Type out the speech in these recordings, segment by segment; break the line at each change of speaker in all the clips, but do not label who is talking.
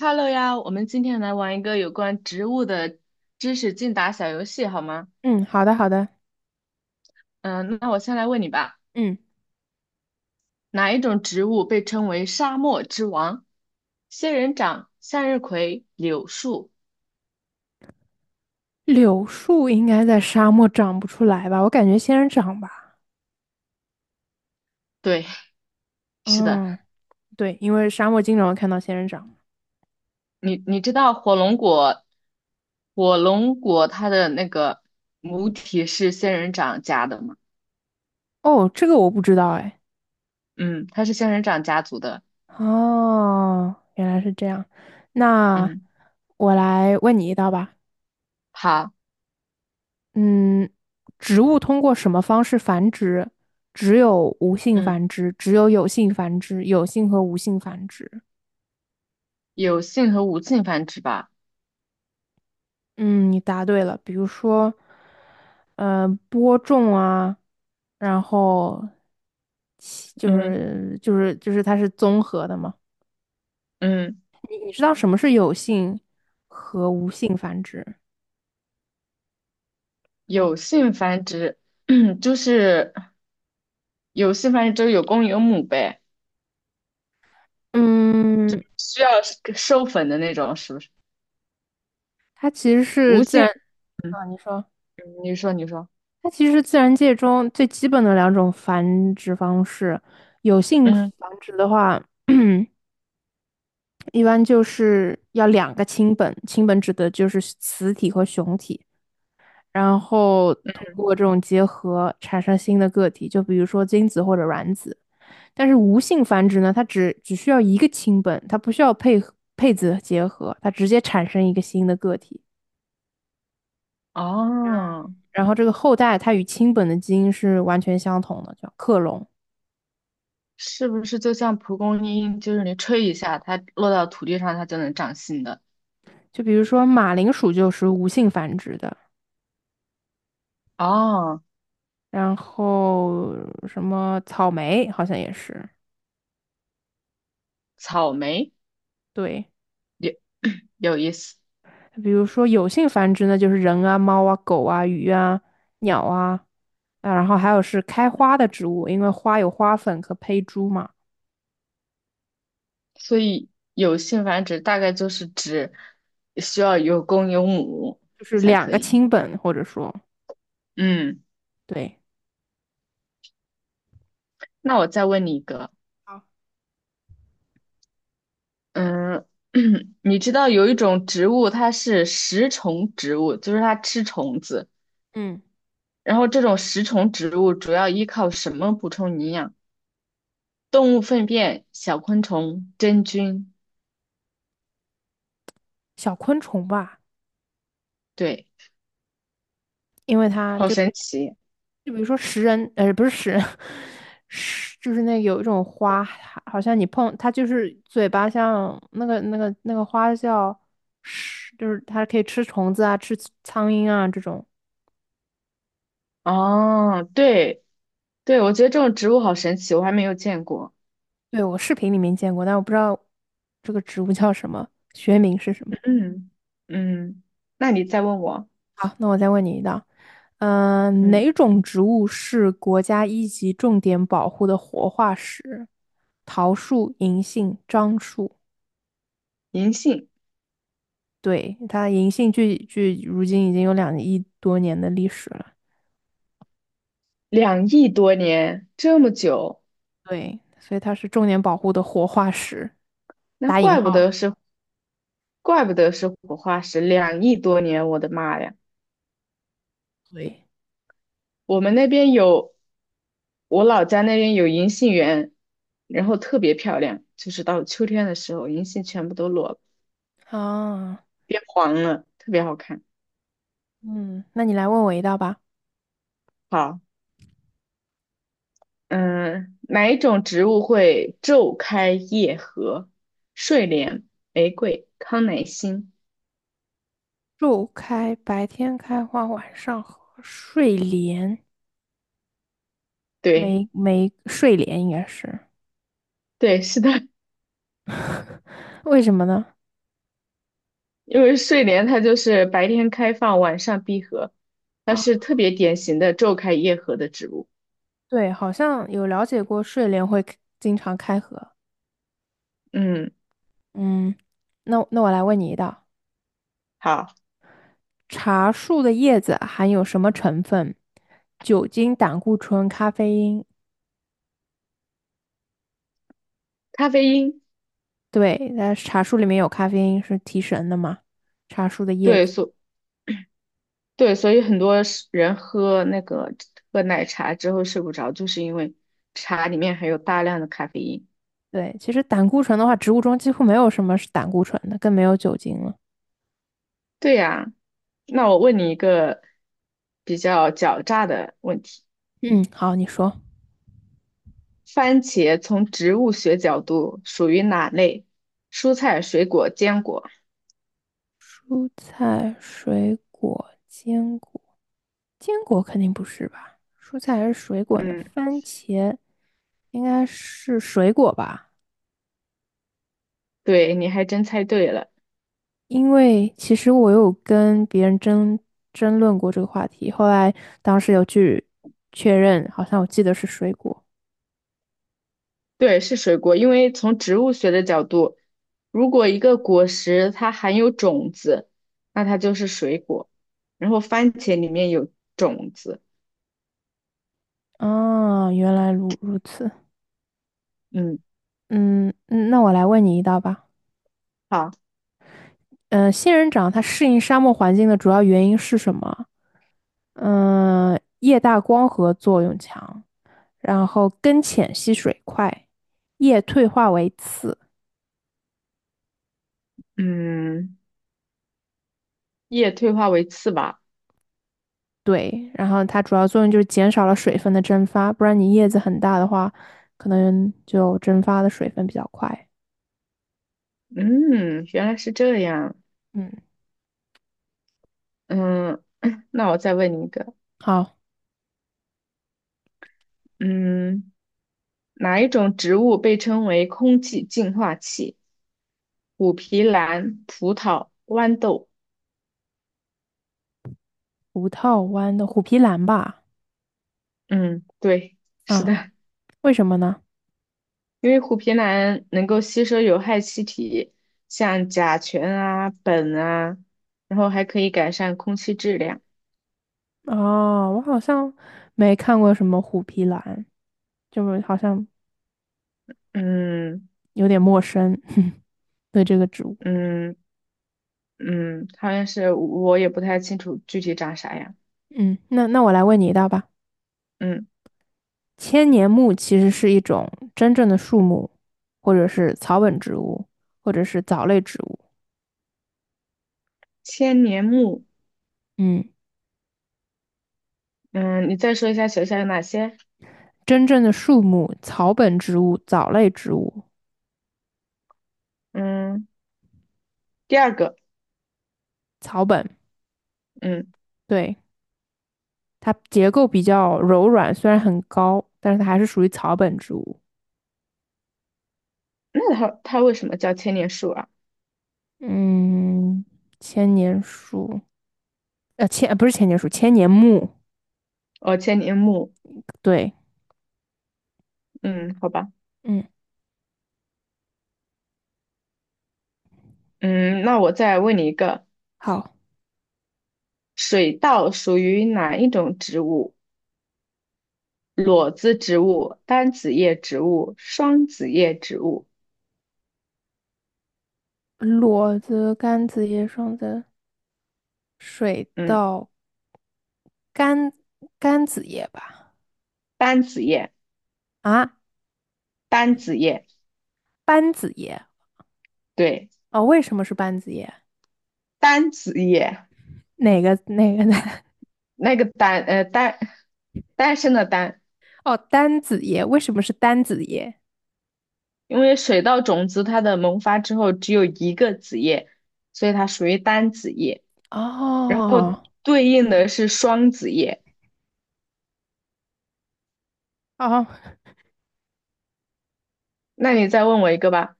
Hello 呀，我们今天来玩一个有关植物的知识竞答小游戏，好吗？
嗯，好的，好的。
嗯，那我先来问你吧，
嗯，
哪一种植物被称为沙漠之王？仙人掌、向日葵、柳树。
柳树应该在沙漠长不出来吧？我感觉仙人掌吧。
对，是的。
嗯，对，因为沙漠经常会看到仙人掌。
你知道火龙果，火龙果它的那个母体是仙人掌家的吗？
哦，这个我不知道哎。
嗯，它是仙人掌家族的。
哦，原来是这样。那
嗯，
我来问你一道吧。
好，
嗯，植物通过什么方式繁殖？只有无性
嗯，
繁殖，只有有性繁殖，有性和无性繁殖。
有性和无性繁殖吧？
嗯，你答对了。比如说，播种啊。然后其就
嗯
是就是就是它是综合的嘛。
嗯。
你知道什么是有性和无性繁殖吗？
有性繁殖，就是有性繁殖就是有公有母呗，
嗯，
需要授粉的那种，是不是？
它其实是
无
自
性，
然
嗯，
啊，你说
你说，
它其实是自然界中最基本的两种繁殖方式。有性繁
嗯，
殖的话，一般就是要两个亲本，亲本指的就是雌体和雄体。然后通过这种结合产生新的个体，就比如说精子或者卵子。但是无性繁殖呢，它只需要一个亲本，它不需要配子结合，它直接产生一个新的个体。
哦，
然后这个后代它与亲本的基因是完全相同的，叫克隆。
是不是就像蒲公英，就是你吹一下，它落到土地上，它就能长新的？
就比如说马铃薯就是无性繁殖的，
哦，
然后什么草莓好像也是，
草莓
对。
有 有意思，
比如说有性繁殖呢，就是人啊、猫啊、狗啊、鱼啊、鸟啊，啊，然后还有是开花的植物，因为花有花粉和胚珠嘛，
有性繁殖大概就是指需要有公有母
就是
才
两
可
个
以。
亲本或者说。
嗯，
对，
那我再问你一个。
好，
嗯，你知道有一种植物，它是食虫植物，就是它吃虫子。
嗯，
然后这种食虫植物主要依靠什么补充营养？动物粪便、小昆虫、真菌。
小昆虫吧，
对，
因为它
好
就比
神奇。
就比如说不是食人，是就是那有一种花，好像你碰它就是嘴巴像那个花叫是，就是它可以吃虫子啊，吃苍蝇啊这种。
哦，对对，我觉得这种植物好神奇，我还没有见过。
对，我视频里面见过，但我不知道这个植物叫什么，学名是什么。
嗯嗯，那你再问我，
好，那我再问你一道，
嗯，
哪种植物是国家一级重点保护的活化石？桃树、银杏、樟树。
银杏
对，它银杏距如今已经有2亿多年的历史了。
两亿多年这么久，
对，所以它是重点保护的活化石，
那
打引
怪不
号。
得是怪不得是活化石，两亿多年，我的妈呀！
对，
我们那边有，我老家那边有银杏园，然后特别漂亮，就是到秋天的时候，银杏全部都落了，
啊，
变黄了，特别好看。
嗯，那你来问我一道吧。
好，嗯，哪一种植物会昼开夜合？睡莲、玫瑰、康乃馨。
树开，白天开花，晚上和睡莲，
对，
没睡莲应该是
对，是的，
为什么呢？
因为睡莲它就是白天开放，晚上闭合，它
啊？
是特别典型的昼开夜合的植物。
对，好像有了解过睡莲会 经常开合。
嗯，
嗯，那那我来问你一道：
好，
茶树的叶子含有什么成分？酒精、胆固醇、咖啡因。
咖啡因，
对，那茶树里面有咖啡因，是提神的嘛？茶树的叶
对，
子。
所对，所以很多是人喝那个喝奶茶之后睡不着，就是因为茶里面含有大量的咖啡因。
对，其实胆固醇的话，植物中几乎没有什么是胆固醇的，更没有酒精了。
对呀，那我问你一个比较狡诈的问题：
嗯，好，你说。
番茄从植物学角度属于哪类？蔬菜、水果、坚果。
蔬菜、水果、坚果。坚果肯定不是吧？蔬菜还是水果呢？
嗯，
番茄应该是水果吧？
对，你还真猜对了。
因为其实我有跟别人争论过这个话题，后来当时有去确认，好像我记得是水果。
对，是水果，因为从植物学的角度，如果一个果实它含有种子，那它就是水果。然后番茄里面有种子，
啊，原来如此。
嗯，
嗯，嗯那我来问你一道吧。
好，
嗯、仙人掌它适应沙漠环境的主要原因是什么？叶大光合作用强。然后根浅吸水快，叶退化为刺，
嗯，叶退化为刺吧，
对，然后它主要作用就是减少了水分的蒸发，不然你叶子很大的话，可能就蒸发的水分比较快。
嗯，原来是这样，
嗯，
嗯，那我再问你一个，
好，
嗯，哪一种植物被称为空气净化器？虎皮兰、葡萄、豌豆，
五套湾的虎皮兰吧？
嗯，对，是
啊，
的，
为什么呢？
因为虎皮兰能够吸收有害气体，像甲醛啊、苯啊，然后还可以改善空气质量。
哦，我好像没看过什么虎皮兰，就是好像
嗯
有点陌生，对这个植物。
嗯嗯，好像是我也不太清楚具体长啥样。
嗯，那那我来问你一道吧。
嗯，
千年木其实是一种真正的树木，或者是草本植物，或者是藻类植物。
千年木，
嗯，
嗯，你再说一下学校有哪些？
真正的树木、草本植物、藻类植物、
嗯，第二个，
草本，
嗯，
对，它结构比较柔软，虽然很高，但是它还是属于草本植物。
那它为什么叫千年树啊？
嗯，千年树，不是千年树，千年木。
哦，千年木，
对，
嗯，好吧，
嗯，
嗯，那我再问你一个，
好，
水稻属于哪一种植物？裸子植物、单子叶植物、双子叶植物，
裸子、柑子叶、双子、水
嗯，
稻、柑柑子叶吧。
单子叶，
啊，
单子叶，
班子叶
对，
哦，为什么是班子叶？
单子叶，
哪个
那个单，单，单身的单，
哦，单子叶，为什么是单子叶？
因为水稻种子它的萌发之后只有一个子叶，所以它属于单子叶，然后
哦
对应的是双子叶。
哦，
那你再问我一个吧，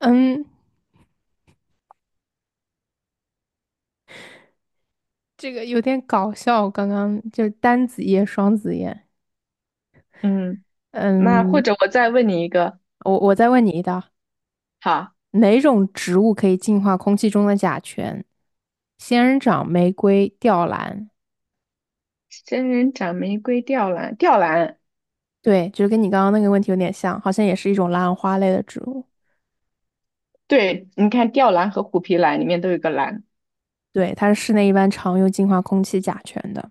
嗯，这个有点搞笑。刚刚就是单子叶、双子叶。
嗯，那或
嗯，
者我再问你一个，
我再问你一道，
好，
哪种植物可以净化空气中的甲醛？仙人掌、玫瑰、吊兰。
仙人掌、玫瑰、吊兰，吊兰。
对，就是跟你刚刚那个问题有点像，好像也是一种兰花类的植物。
对，你看吊兰和虎皮兰里面都有个兰。
对，它是室内一般常用净化空气甲醛的。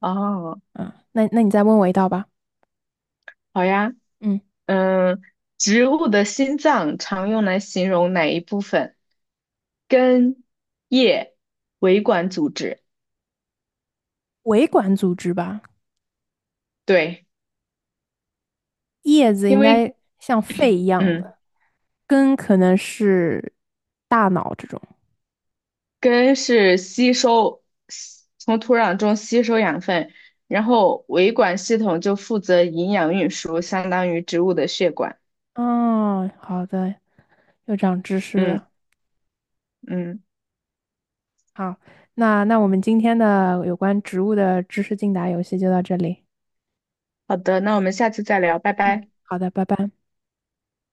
哦，
嗯，那那你再问我一道吧。
好呀。
嗯，
嗯，植物的心脏常用来形容哪一部分？根、叶、维管组织。
维管组织吧，
对，
叶子
因
应
为
该像肺一样
嗯，
的，根可能是大脑这种。
根是吸收吸从土壤中吸收养分，然后维管系统就负责营养运输，相当于植物的血管。
哦，好的，又长知识
嗯
了。
嗯，
好，那那我们今天的有关植物的知识竞答游戏就到这里。
好的，那我们下次再聊，拜
嗯，
拜。
好的，拜拜。